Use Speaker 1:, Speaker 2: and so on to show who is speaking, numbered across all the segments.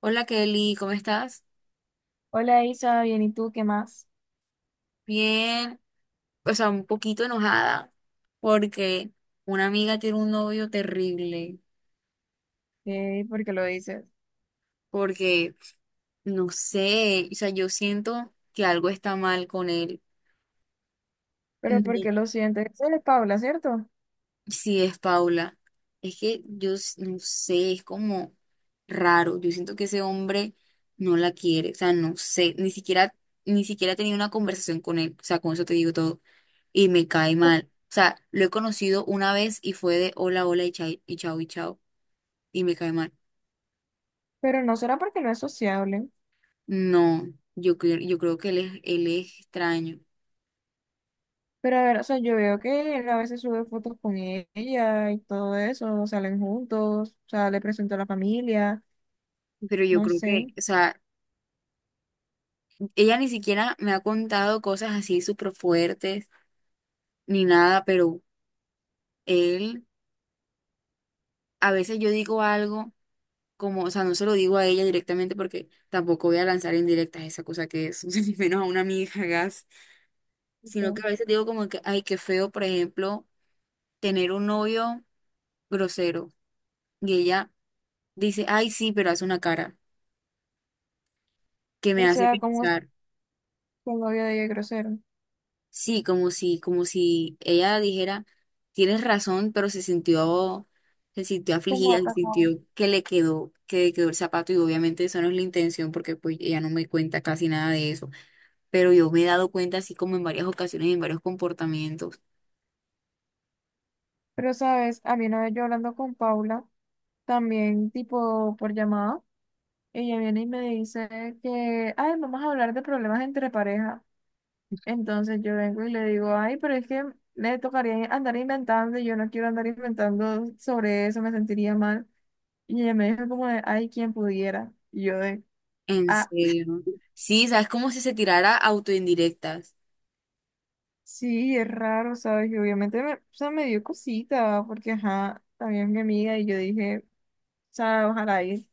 Speaker 1: Hola Kelly, ¿cómo estás?
Speaker 2: Hola Isa, bien, ¿y tú qué más?
Speaker 1: Bien, o sea, un poquito enojada porque una amiga tiene un novio terrible,
Speaker 2: ¿Por qué lo dices?
Speaker 1: porque no sé, o sea, yo siento que algo está mal con él. No,
Speaker 2: Pero ¿por qué lo sientes? Él es Paula, ¿cierto?
Speaker 1: sí, es Paula. Es que no sé, es como raro. Yo siento que ese hombre no la quiere. O sea, no sé. Ni siquiera he tenido una conversación con él. O sea, con eso te digo todo. Y me cae mal. O sea, lo he conocido una vez y fue de hola, hola y chao, y chao, y chao. Y me cae mal.
Speaker 2: Pero ¿no será porque no es sociable?
Speaker 1: No, yo, cre- yo creo que él es extraño.
Speaker 2: Pero a ver, o sea, yo veo que él a veces sube fotos con ella y todo eso, salen juntos, o sea, le presento a la familia,
Speaker 1: Pero yo
Speaker 2: no
Speaker 1: creo que,
Speaker 2: sé.
Speaker 1: o sea, ella ni siquiera me ha contado cosas así súper fuertes ni nada, pero él. A veces yo digo algo como, o sea, no se lo digo a ella directamente porque tampoco voy a lanzar indirectas esa cosa que es, ni menos a una amiga, gas, sino
Speaker 2: Tipo,
Speaker 1: que a veces digo como que, ay, qué feo, por ejemplo, tener un novio grosero y ella dice, ay, sí, pero hace una cara que me
Speaker 2: o
Speaker 1: hace
Speaker 2: sea, como el
Speaker 1: pensar,
Speaker 2: novio de ella es grosero,
Speaker 1: sí, como si ella dijera, tienes razón, pero se sintió
Speaker 2: como
Speaker 1: afligida, se
Speaker 2: atacado.
Speaker 1: sintió que que le quedó el zapato y obviamente eso no es la intención porque pues ella no me cuenta casi nada de eso. Pero yo me he dado cuenta así como en varias ocasiones, en varios comportamientos.
Speaker 2: Pero sabes, a mí una vez yo hablando con Paula, también tipo por llamada, ella viene y me dice que, ay, vamos a hablar de problemas entre parejas. Entonces yo vengo y le digo, ay, pero es que me tocaría andar inventando y yo no quiero andar inventando sobre eso, me sentiría mal. Y ella me dijo como de, ay, quien pudiera. Y yo de,
Speaker 1: En
Speaker 2: ah,
Speaker 1: serio. Sí, sabes como si se tirara autoindirectas.
Speaker 2: sí, es raro, ¿sabes? Y obviamente me, o sea, me dio cosita, porque ajá, también es mi amiga y yo dije, o sea, ojalá ir.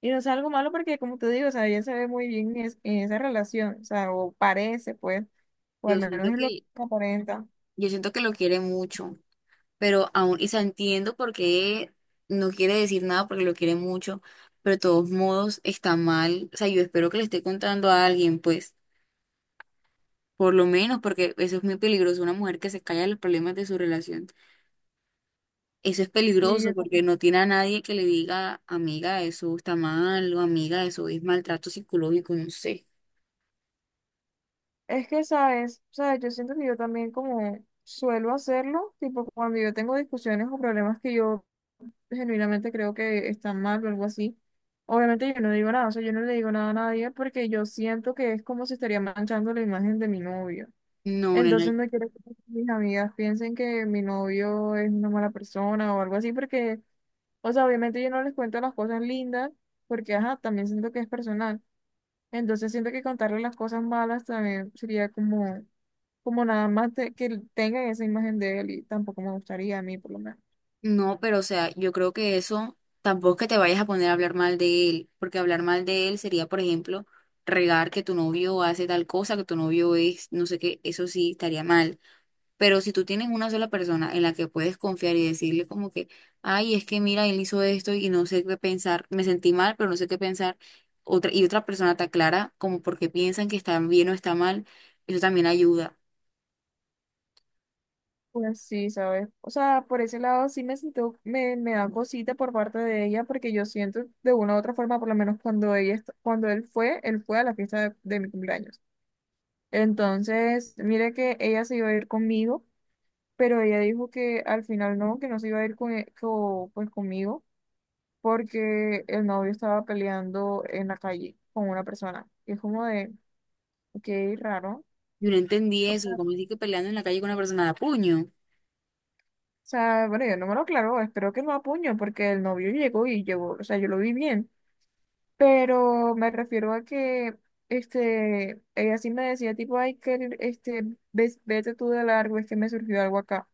Speaker 2: Y no sea algo malo porque, como te digo, o sea, ella se ve muy bien en, es- en esa relación, o sea, o parece, pues, o al
Speaker 1: Yo
Speaker 2: menos
Speaker 1: siento
Speaker 2: es lo que
Speaker 1: que,
Speaker 2: aparenta.
Speaker 1: yo siento que lo quiere mucho, pero aún, y se entiendo por qué no quiere decir nada porque lo quiere mucho, pero de todos modos está mal. O sea, yo espero que le esté contando a alguien, pues, por lo menos, porque eso es muy peligroso, una mujer que se calla los problemas de su relación. Eso es
Speaker 2: Sí, yo.
Speaker 1: peligroso porque no tiene a nadie que le diga, amiga, eso está mal, o amiga, eso es maltrato psicológico, no sé.
Speaker 2: Es que, ¿sabes? ¿Sabes? Yo siento que yo también como suelo hacerlo, tipo cuando yo tengo discusiones o problemas que yo genuinamente creo que están mal o algo así, obviamente yo no digo nada, o sea, yo no le digo nada a nadie porque yo siento que es como si estaría manchando la imagen de mi novio.
Speaker 1: No, nena,
Speaker 2: Entonces no quiero que mis amigas piensen que mi novio es una mala persona o algo así porque, o sea, obviamente yo no les cuento las cosas lindas porque, ajá, también siento que es personal. Entonces siento que contarle las cosas malas también sería como como nada más de- que él tenga esa imagen de él y tampoco me gustaría a mí por lo menos.
Speaker 1: no, pero o sea, yo creo que eso tampoco es que te vayas a poner a hablar mal de él, porque hablar mal de él sería, por ejemplo, regar que tu novio hace tal cosa, que tu novio es, no sé qué, eso sí estaría mal. Pero si tú tienes una sola persona en la que puedes confiar y decirle como que, ay, es que mira, él hizo esto y no sé qué pensar, me sentí mal, pero no sé qué pensar, otra, y otra persona te aclara como porque piensan que está bien o está mal, eso también ayuda.
Speaker 2: Pues sí, ¿sabes? O sea, por ese lado sí me siento, me da cosita por parte de ella porque yo siento de una u otra forma, por lo menos cuando ella, est- cuando él fue a la fiesta de mi cumpleaños. Entonces, mire que ella se iba a ir conmigo, pero ella dijo que al final no, que no se iba a ir con, e- co- pues conmigo porque el novio estaba peleando en la calle con una persona. Y es como de, qué raro.
Speaker 1: Yo no entendí eso, como así que peleando en la calle con una persona de a puño.
Speaker 2: O sea, bueno, yo no me lo aclaró, espero que no a puño, porque el novio llegó y llegó, o sea, yo lo vi bien, pero me refiero a que, este, ella sí me decía, tipo, ay, que, este, ves- vete tú de largo, es que me surgió algo acá.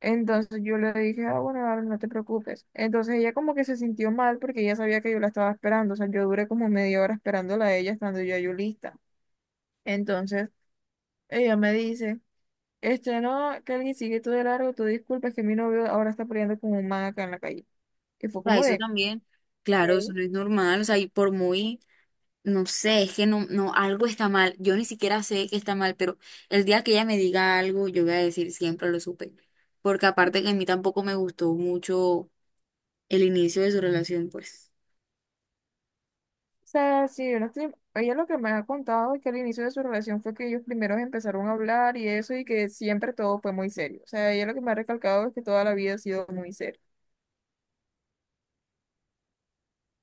Speaker 2: Entonces yo le dije, ah, bueno, Aaron, no te preocupes. Entonces ella como que se sintió mal porque ella sabía que yo la estaba esperando, o sea, yo duré como media hora esperándola a ella, estando ya yo lista. Entonces ella me dice... Este, no, que alguien sigue tú de largo, tú disculpas que mi novio ahora está peleando con un man acá en la calle. Y fue
Speaker 1: O sea,
Speaker 2: como
Speaker 1: eso
Speaker 2: de,
Speaker 1: también, claro, eso
Speaker 2: ok.
Speaker 1: no es normal, o sea, y por muy no sé, es que no, algo está mal. Yo ni siquiera sé que está mal, pero el día que ella me diga algo, yo voy a decir siempre lo supe. Porque aparte que a mí tampoco me gustó mucho el inicio de su relación, pues.
Speaker 2: O sea, sí, yo no estoy- ella lo que me ha contado es que al inicio de su relación fue que ellos primero empezaron a hablar y eso, y que siempre todo fue muy serio. O sea, ella lo que me ha recalcado es que toda la vida ha sido muy serio.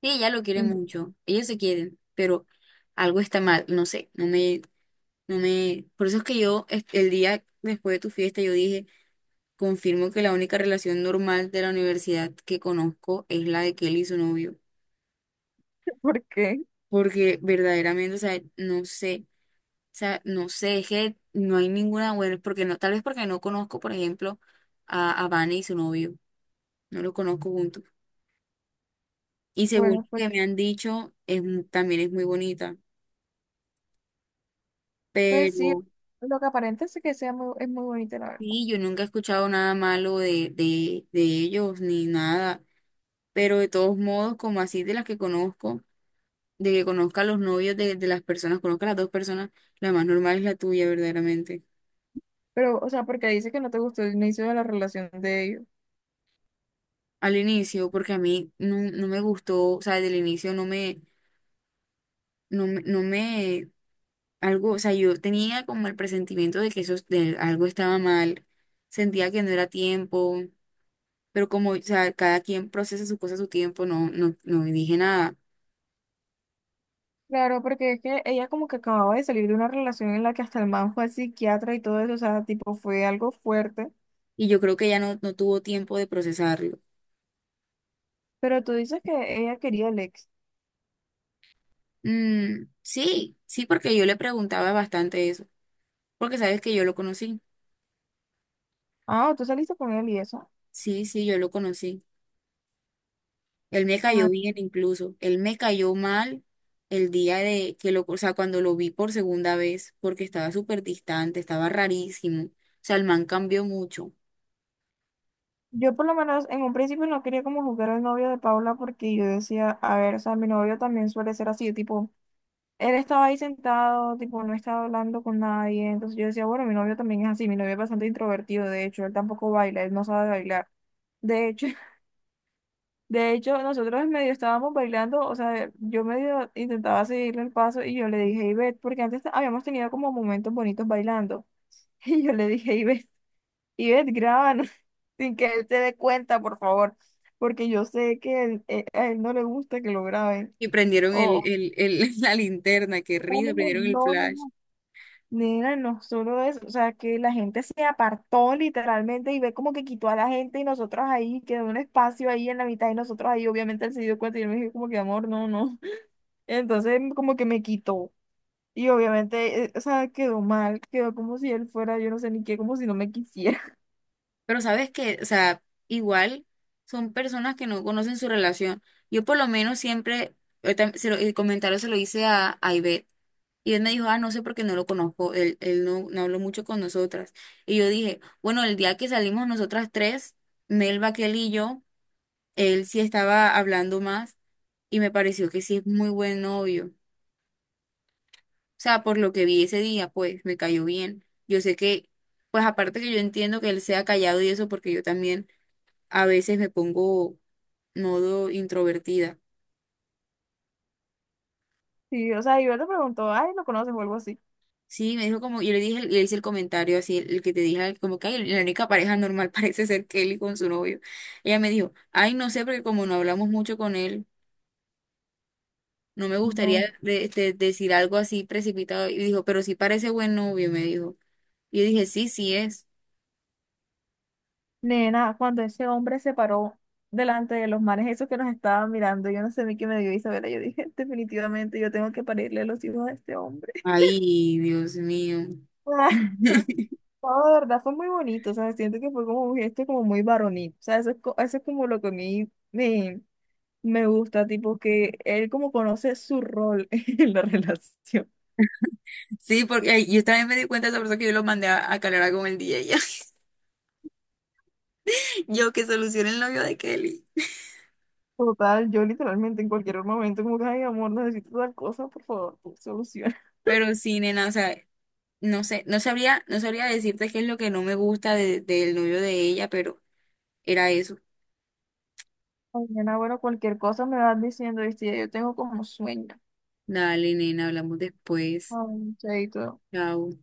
Speaker 1: Y ella lo quiere
Speaker 2: Entonces,
Speaker 1: mucho, ellos se quieren, pero algo está mal, no sé, no me. Por eso es que el día después de tu fiesta, yo dije, confirmo que la única relación normal de la universidad que conozco es la de Kelly y su novio.
Speaker 2: ¿por qué?
Speaker 1: Porque verdaderamente, o sea, no sé. O sea, no sé, es que no hay ninguna buena, porque no, tal vez porque no conozco, por ejemplo, a Vane y su novio, no los conozco juntos. Y según lo
Speaker 2: Bueno, pues,
Speaker 1: que me han dicho, también es muy bonita,
Speaker 2: pues sí,
Speaker 1: pero
Speaker 2: lo que aparenta es que sea muy, es muy bonita, la verdad.
Speaker 1: sí, yo nunca he escuchado nada malo de ellos ni nada, pero de todos modos, como así de las que conozco, de que conozca a los novios de las personas, conozca a las dos personas, la más normal es la tuya, verdaderamente.
Speaker 2: Pero, o sea, ¿porque dice que no te gustó el inicio de la relación de ellos?
Speaker 1: Al inicio, porque a mí no me gustó, o sea, desde el inicio no me, algo, o sea, yo tenía como el presentimiento de que eso, de algo estaba mal, sentía que no era tiempo, pero como, o sea, cada quien procesa su cosa a su tiempo, no dije nada.
Speaker 2: Claro, porque es que ella como que acababa de salir de una relación en la que hasta el man fue al psiquiatra y todo eso, o sea, tipo, fue algo fuerte.
Speaker 1: Y yo creo que ella no tuvo tiempo de procesarlo.
Speaker 2: Pero ¿tú dices que ella quería el ex?
Speaker 1: Mm, sí, sí, porque yo le preguntaba bastante eso, porque sabes que yo lo conocí.
Speaker 2: Ah, ¿tú saliste con él y eso?
Speaker 1: Sí, sí, yo lo conocí. Él me cayó
Speaker 2: Ah,
Speaker 1: bien incluso. Él me cayó mal el día de que lo, o sea, cuando lo vi por segunda vez, porque estaba súper distante, estaba rarísimo. O sea, el man cambió mucho.
Speaker 2: yo por lo menos en un principio no quería como juzgar al novio de Paula porque yo decía, a ver, o sea, mi novio también suele ser así, tipo, él estaba ahí sentado, tipo, no estaba hablando con nadie. Entonces yo decía, bueno, mi novio también es así, mi novio es bastante introvertido, de hecho, él tampoco baila, él no sabe bailar. De hecho, de hecho, nosotros medio estábamos bailando, o sea, yo medio intentaba seguirle el paso y yo le dije, Ivette, porque antes habíamos tenido como momentos bonitos bailando. Y yo le dije, Ivette, Ivette, grábanos, sin que él se dé cuenta, por favor, porque yo sé que él- a él no le gusta que lo graben.
Speaker 1: Y prendieron
Speaker 2: O,
Speaker 1: la linterna, qué
Speaker 2: "Oh, no,
Speaker 1: risa,
Speaker 2: no,
Speaker 1: prendieron el
Speaker 2: no".
Speaker 1: flash.
Speaker 2: No. Nena, no solo eso, o sea, que la gente se apartó literalmente y ve como que quitó a la gente y nosotros ahí, quedó un espacio ahí en la mitad y nosotros ahí, obviamente él se dio cuenta y yo me dije como que amor, no, no. Entonces como que me quitó. Y obviamente, o sea, quedó mal, quedó como si él fuera, yo no sé ni qué, como si no me quisiera.
Speaker 1: Pero sabes que, o sea, igual son personas que no conocen su relación. Yo por lo menos siempre, se lo, el comentario se lo hice a Ivette. Y él me dijo, ah, no sé porque no lo conozco, él, no habló mucho con nosotras. Y yo dije, bueno, el día que salimos nosotras tres, Melba, Kelly y yo, él sí estaba hablando más y me pareció que sí es muy buen novio. O sea, por lo que vi ese día, pues me cayó bien. Yo sé que, pues aparte que yo entiendo que él sea callado y eso, porque yo también a veces me pongo modo introvertida.
Speaker 2: Sí, o sea, yo le preguntó, ay, ¿lo conoces o algo así?
Speaker 1: Sí, me dijo como, yo le dije, le hice el comentario así, el que te dije, como que "Ay, la única pareja normal parece ser Kelly con su novio. Ella me dijo, ay, no sé, porque como no hablamos mucho con él, no me
Speaker 2: No,
Speaker 1: gustaría decir algo así precipitado. Y dijo, pero sí parece buen novio, me dijo. Y yo dije, sí, sí es.
Speaker 2: nena, cuando ese hombre se paró delante de los manes, esos que nos estaban mirando, yo no sé ni qué me dio Isabela, yo dije, definitivamente yo tengo que parirle los hijos a este hombre.
Speaker 1: Ay, Dios mío.
Speaker 2: No, de verdad fue muy bonito, o sea, siento que fue como un gesto como muy varonil, o sea, eso es, co- eso es como lo que a mí me, me gusta, tipo, que él como conoce su rol en la relación.
Speaker 1: Sí, porque ay, yo también me di cuenta de esa persona que yo lo mandé a calar con el DJ. Yo que solucione el novio de Kelly.
Speaker 2: Total, yo literalmente en cualquier momento, como que, ay, amor, necesito tal cosa, por favor, tú soluciona.
Speaker 1: Pero sí, nena, o sea. No sé, no sabría decirte qué es lo que no me gusta del novio de ella, pero era eso.
Speaker 2: Mañana, bueno, cualquier cosa me vas diciendo, ¿viste? Ya yo tengo como sueño.
Speaker 1: Dale, nena, hablamos después.
Speaker 2: Ay, chaito.
Speaker 1: Chao.